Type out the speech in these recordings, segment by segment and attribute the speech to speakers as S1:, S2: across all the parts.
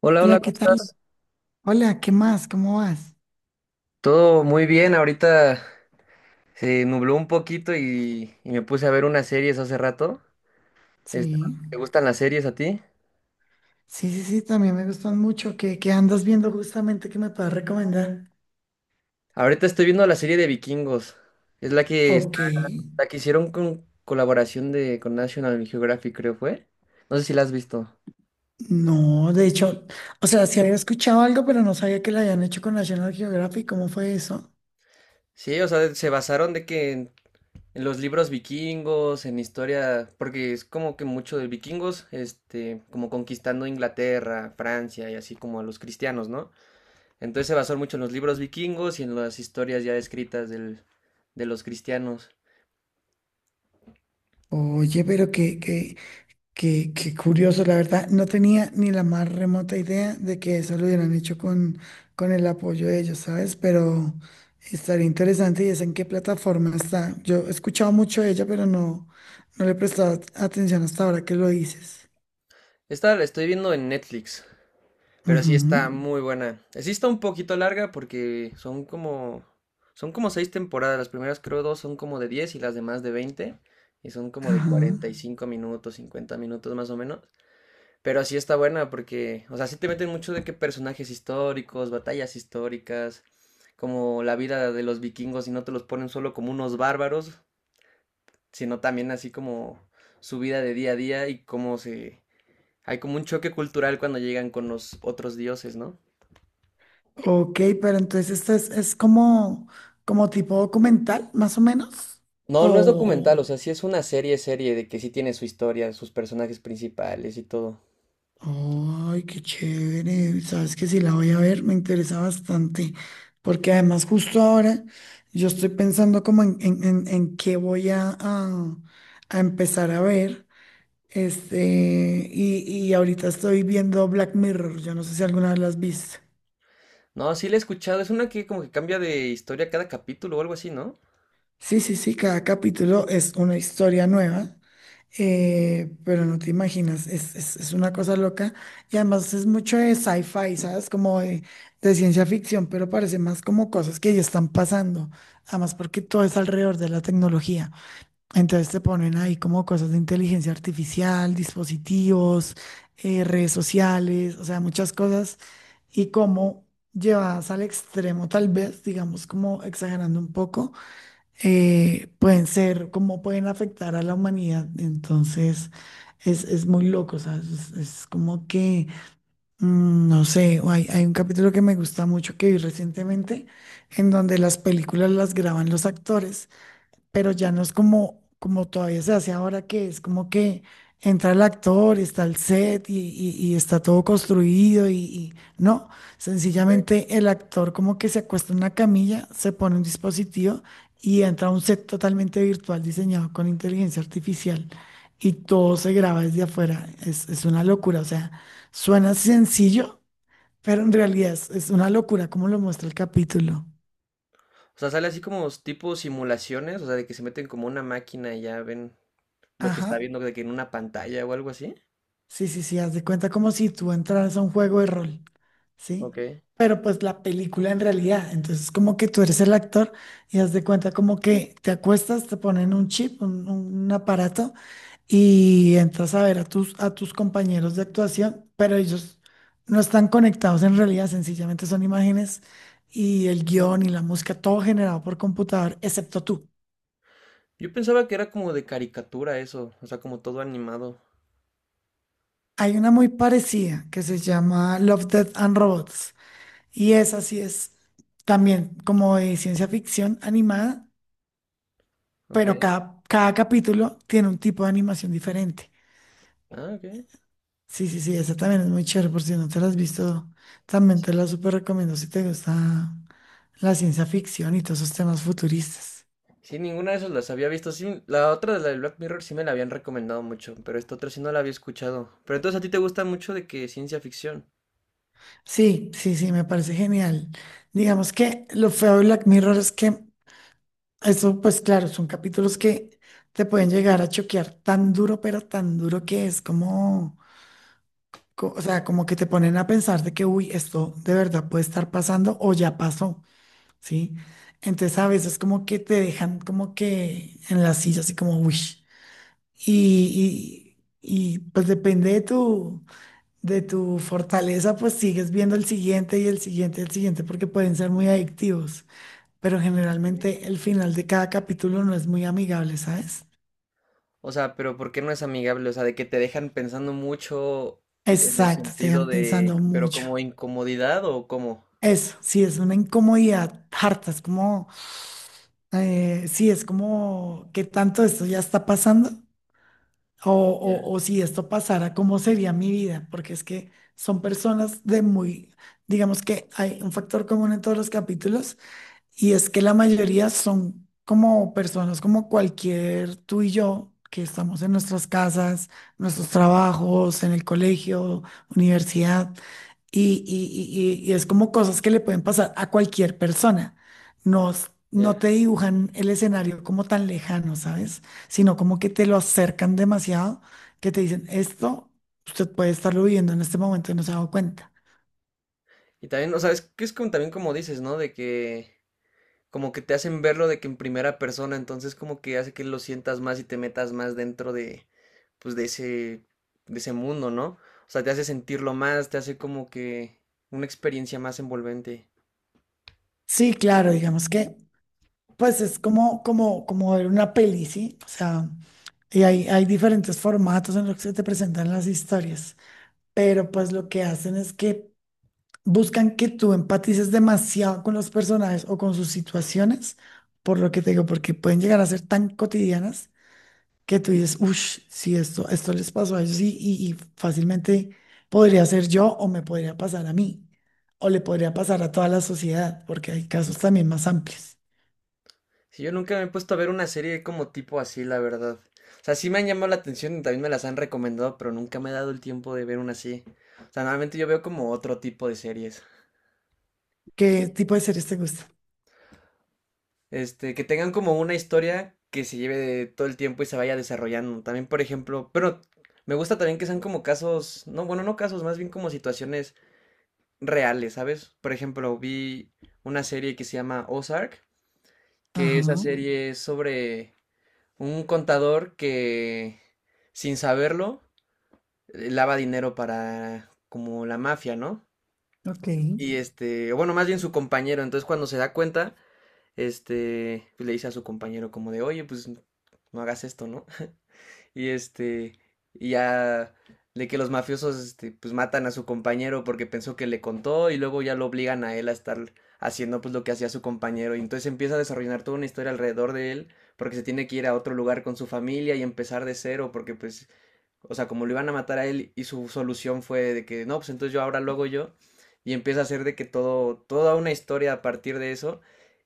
S1: Hola, hola,
S2: Hola,
S1: ¿cómo
S2: ¿qué tal?
S1: estás?
S2: Hola, ¿qué más? ¿Cómo vas?
S1: Todo muy bien, ahorita se nubló un poquito y me puse a ver unas series hace rato. Este,
S2: Sí,
S1: ¿Te gustan las series a ti?
S2: sí, sí, sí, también me gustan mucho. ¿Qué andas viendo justamente que me puedas recomendar?
S1: Ahorita estoy viendo la serie de Vikingos. Es la que, está-
S2: Ok,
S1: La que hicieron con colaboración con National Geographic, creo fue. No sé si la has visto.
S2: no, de hecho, o sea, sí había escuchado algo, pero no sabía que lo habían hecho con National Geographic. ¿Cómo fue eso?
S1: Sí, o sea, se basaron de que en los libros vikingos, en historia, porque es como que mucho de vikingos, como conquistando Inglaterra, Francia y así como a los cristianos, ¿no? Entonces se basó mucho en los libros vikingos y en las historias ya escritas de los cristianos.
S2: Oye, pero qué curioso, la verdad, no tenía ni la más remota idea de que eso lo hubieran hecho con el apoyo de ellos, ¿sabes? Pero estaría interesante y es en qué plataforma está. Yo he escuchado mucho de ella, no le he prestado atención hasta ahora que lo dices.
S1: Esta la estoy viendo en Netflix, pero sí
S2: Ujú.
S1: está muy buena. Sí está un poquito larga porque son como 6 temporadas. Las primeras creo dos son como de 10 y las demás de 20. Y son como de cuarenta y
S2: Ajá.
S1: cinco minutos, 50 minutos más o menos. Pero sí está buena porque, o sea, sí te meten mucho de que personajes históricos, batallas históricas, como la vida de los vikingos y no te los ponen solo como unos bárbaros, sino también así como su vida de día a día y cómo se... Hay como un choque cultural cuando llegan con los otros dioses, ¿no?
S2: Ok, pero entonces esta es como, como tipo documental, más o menos.
S1: No, no es
S2: O.
S1: documental, o sea, sí es una serie de que sí tiene su historia, sus personajes principales y todo.
S2: Ay, qué chévere. Sabes que sí la voy a ver, me interesa bastante. Porque además justo ahora yo estoy pensando como en qué voy a empezar a ver. Y ahorita estoy viendo Black Mirror. Yo no sé si alguna vez las viste.
S1: No, sí la he escuchado, es una que como que cambia de historia cada capítulo o algo así, ¿no?
S2: Sí, sí, sí, cada capítulo es una historia nueva. Pero no te imaginas, es una cosa loca. Y además es mucho de sci-fi, ¿sabes? Como de ciencia ficción, pero parece más como cosas que ya están pasando. Además porque todo es alrededor de la tecnología. Entonces te ponen ahí como cosas de inteligencia artificial, dispositivos, redes sociales, o sea, muchas cosas. Y como llevadas al extremo, tal vez, digamos, como exagerando un poco pueden ser, cómo pueden afectar a la humanidad. Entonces, es muy loco, ¿sabes? Es como que, mm, no sé, o hay un capítulo que me gusta mucho que vi recientemente, en donde las películas las graban los actores, pero ya no es como, como todavía se hace ahora, que es como que entra el actor, está el set y está todo construido y no,
S1: Sí.
S2: sencillamente el actor como que se acuesta en una camilla, se pone un dispositivo y entra a un set totalmente virtual diseñado con inteligencia artificial y todo se graba desde afuera. Es una locura, o sea, suena sencillo, pero en realidad es una locura como lo muestra el capítulo.
S1: O sea, sale así como tipo simulaciones, o sea, de que se meten como una máquina y ya ven lo que está
S2: Ajá.
S1: viendo de que en una pantalla o algo así.
S2: Sí, sí, sí, haz de cuenta como si tú entraras a un juego de rol, ¿sí?
S1: Ok.
S2: Pero pues la película en realidad, entonces como que tú eres el actor y haz de cuenta como que te acuestas, te ponen un chip, un aparato y entras a ver a tus compañeros de actuación, pero ellos no están conectados en realidad, sencillamente son imágenes y el guión y la música, todo generado por computador, excepto tú.
S1: Yo pensaba que era como de caricatura eso, o sea, como todo animado.
S2: Hay una muy parecida que se llama Love, Death and Robots. Y esa sí es también como de ciencia ficción animada,
S1: Ok.
S2: pero cada capítulo tiene un tipo de animación diferente.
S1: Ah, ok.
S2: Sí, sí, sí, esa también es muy chévere, por si no te la has visto, también te la súper recomiendo si te gusta la ciencia ficción y todos esos temas futuristas.
S1: Sí, ninguna de esas las había visto. Sí, la otra de la del Black Mirror sí me la habían recomendado mucho, pero esta otra sí no la había escuchado. Pero entonces a ti te gusta mucho de que ciencia ficción.
S2: Sí, sí, sí, me parece genial. Digamos que lo feo de Black Mirror es que eso, pues claro, son capítulos que te pueden llegar a choquear tan duro, pero tan duro que es como co- O sea, como que te ponen a pensar de que, uy, esto de verdad puede estar pasando o ya pasó, ¿sí? Entonces a veces como que te dejan como que en la silla, así como, uy. Y, pues depende de de tu fortaleza, pues sigues viendo el siguiente y el siguiente y el siguiente porque pueden ser muy adictivos. Pero
S1: Sí.
S2: generalmente el final de cada capítulo no es muy amigable, ¿sabes?
S1: O sea, pero ¿por qué no es amigable? O sea, de que te dejan pensando mucho en el
S2: Exacto, te
S1: sentido
S2: dejan
S1: de,
S2: pensando
S1: pero
S2: mucho.
S1: como incomodidad o cómo.
S2: Eso, sí, es una incomodidad harta, es como sí, es como que tanto esto ya está pasando
S1: Ya,
S2: o si esto pasara, ¿cómo sería mi vida? Porque es que son personas de muy, digamos que hay un factor común en todos los capítulos y es que la mayoría son como personas como cualquier tú y yo, que estamos en nuestras casas, nuestros trabajos, en el colegio, universidad, y es como cosas que le pueden pasar a cualquier persona. No, s- no
S1: ya.
S2: te dibujan el escenario como tan lejano, ¿sabes? Sino como que te lo acercan demasiado, que te dicen, esto usted puede estarlo viviendo en este momento y no se ha dado cuenta.
S1: Y también, o sea, es que es como también como dices, ¿no? De que como que te hacen verlo de que en primera persona, entonces como que hace que lo sientas más y te metas más dentro de, pues de de ese mundo, ¿no? O sea, te hace sentirlo más, te hace como que una experiencia más envolvente.
S2: Sí, claro, digamos que pues es como, como, como ver una peli, ¿sí? O sea, y hay diferentes formatos en los que se te presentan las historias, pero pues lo que hacen es que buscan que tú empatices demasiado con los personajes o con sus situaciones, por lo que te digo, porque pueden llegar a ser tan cotidianas que tú dices, uff, si esto, esto les pasó a ellos y fácilmente podría ser yo o me podría pasar a mí, o le podría pasar a toda la sociedad, porque hay casos también más amplios.
S1: Si yo nunca me he puesto a ver una serie como tipo así, la verdad. O sea, sí me han llamado la atención y también me las han recomendado, pero nunca me he dado el tiempo de ver una así. O sea, normalmente yo veo como otro tipo de series.
S2: ¿Qué tipo de series te gusta?
S1: Que tengan como una historia que se lleve de todo el tiempo y se vaya desarrollando. También, por ejemplo, pero me gusta también que sean como casos, no, bueno, no casos, más bien como situaciones reales, ¿sabes? Por ejemplo, vi una serie que se llama Ozark, que esa
S2: Ajá,
S1: serie es sobre un contador que, sin saberlo, lava dinero para como la mafia, ¿no?
S2: ok,
S1: Y o bueno, más bien su compañero, entonces cuando se da cuenta, pues, le dice a su compañero como de, oye, pues no hagas esto, ¿no? Y y ya de que los mafiosos, pues matan a su compañero porque pensó que le contó y luego ya lo obligan a él a estar haciendo pues lo que hacía su compañero y entonces empieza a desarrollar toda una historia alrededor de él porque se tiene que ir a otro lugar con su familia y empezar de cero porque pues, o sea, como lo iban a matar a él y su solución fue de que no, pues entonces yo ahora lo hago yo y empieza a hacer de que todo, toda una historia a partir de eso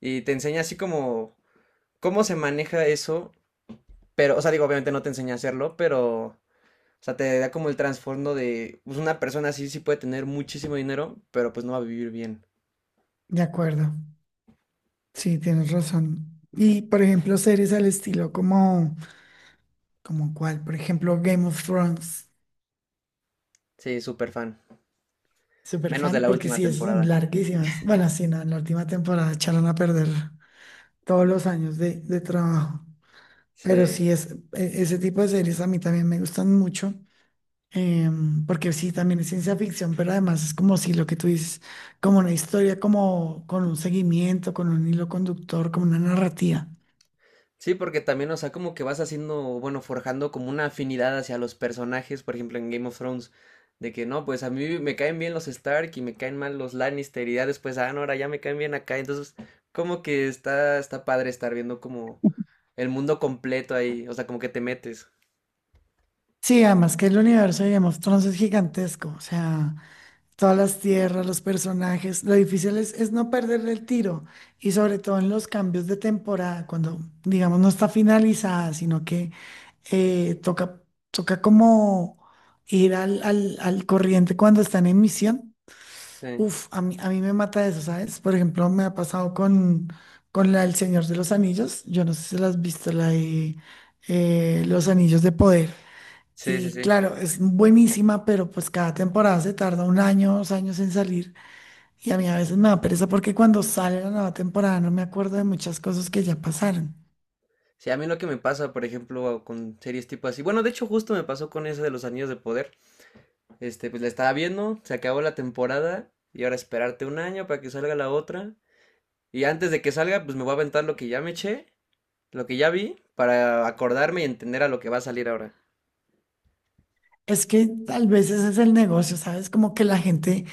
S1: y te enseña así como cómo se maneja eso, pero, o sea, digo, obviamente no te enseña a hacerlo, pero, o sea, te da como el trasfondo de, pues una persona así sí puede tener muchísimo dinero, pero pues no va a vivir bien.
S2: de acuerdo. Sí, tienes razón. Y por ejemplo, series al estilo como, como cuál, por ejemplo, Game of Thrones,
S1: Sí, súper fan.
S2: super
S1: Menos de
S2: fan,
S1: la
S2: porque
S1: última
S2: sí, esas son
S1: temporada.
S2: larguísimas. Bueno, sí, no, en la última temporada echaron a perder todos los años de trabajo. Pero
S1: Sí.
S2: sí, es, e- ese tipo de series a mí también me gustan mucho, em, porque sí, también es ciencia ficción, pero además es como si lo que tú dices, como una historia, como con un seguimiento, con un hilo conductor, como una narrativa.
S1: Sí, porque también, o sea, como que vas haciendo, bueno, forjando como una afinidad hacia los personajes, por ejemplo, en Game of Thrones, de que no, pues a mí me caen bien los Stark y me caen mal los Lannister y ya después, ah, no, ahora ya me caen bien acá, entonces como que está padre estar viendo como el mundo completo ahí, o sea, como que te metes.
S2: Sí, además que el universo de Game of Thrones es gigantesco, o sea, todas las tierras, los personajes, lo difícil es no perderle el tiro y sobre todo en los cambios de temporada, cuando digamos no está finalizada, sino que eh, toca, toca como ir al corriente cuando están en misión.
S1: Sí,
S2: Uf, a mí me mata eso, ¿sabes? Por ejemplo, me ha pasado con la del Señor de los Anillos, yo no sé si la has visto, la de Los Anillos de Poder.
S1: sí, sí,
S2: Y
S1: sí.
S2: claro, es buenísima, pero pues cada temporada se tarda un año, 2 años en salir. Y a mí a veces me da pereza porque cuando sale la nueva temporada no me acuerdo de muchas cosas que ya pasaron.
S1: Sí, a mí lo que me pasa, por ejemplo, con series tipo así, bueno, de hecho justo me pasó con ese de los Anillos de Poder, pues la estaba viendo, se acabó la temporada y ahora esperarte 1 año para que salga la otra. Y antes de que salga, pues me voy a aventar lo que ya me eché, lo que ya vi, para acordarme y entender a lo que va a salir ahora.
S2: Es que tal vez ese es el negocio, ¿sabes? Como que la gente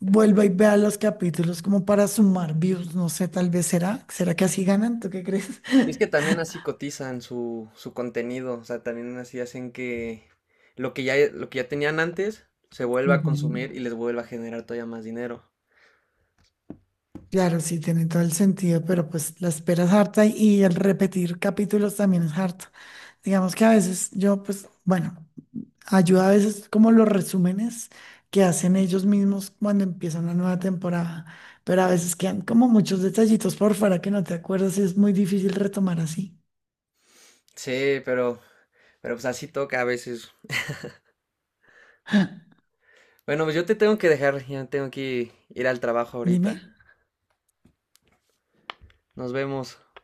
S2: vuelva y vea los capítulos como para sumar views, no sé, tal vez será. ¿Será que así ganan? ¿Tú qué crees?
S1: Y es que también así cotizan su contenido, o sea, también así hacen que lo que ya tenían antes se vuelva a
S2: Ujú.
S1: consumir y les vuelva a generar todavía más dinero.
S2: Claro, sí, tiene todo el sentido, pero pues la espera es harta y el repetir capítulos también es harto. Digamos que a veces yo, pues, bueno. Ayuda a veces como los resúmenes que hacen ellos mismos cuando empieza una nueva temporada, pero a veces quedan como muchos detallitos por fuera que no te acuerdas y es muy difícil retomar así.
S1: Sí, pero pues así toca a veces. Bueno, pues yo te tengo que dejar, ya tengo que ir al trabajo
S2: Dime.
S1: ahorita. Nos vemos.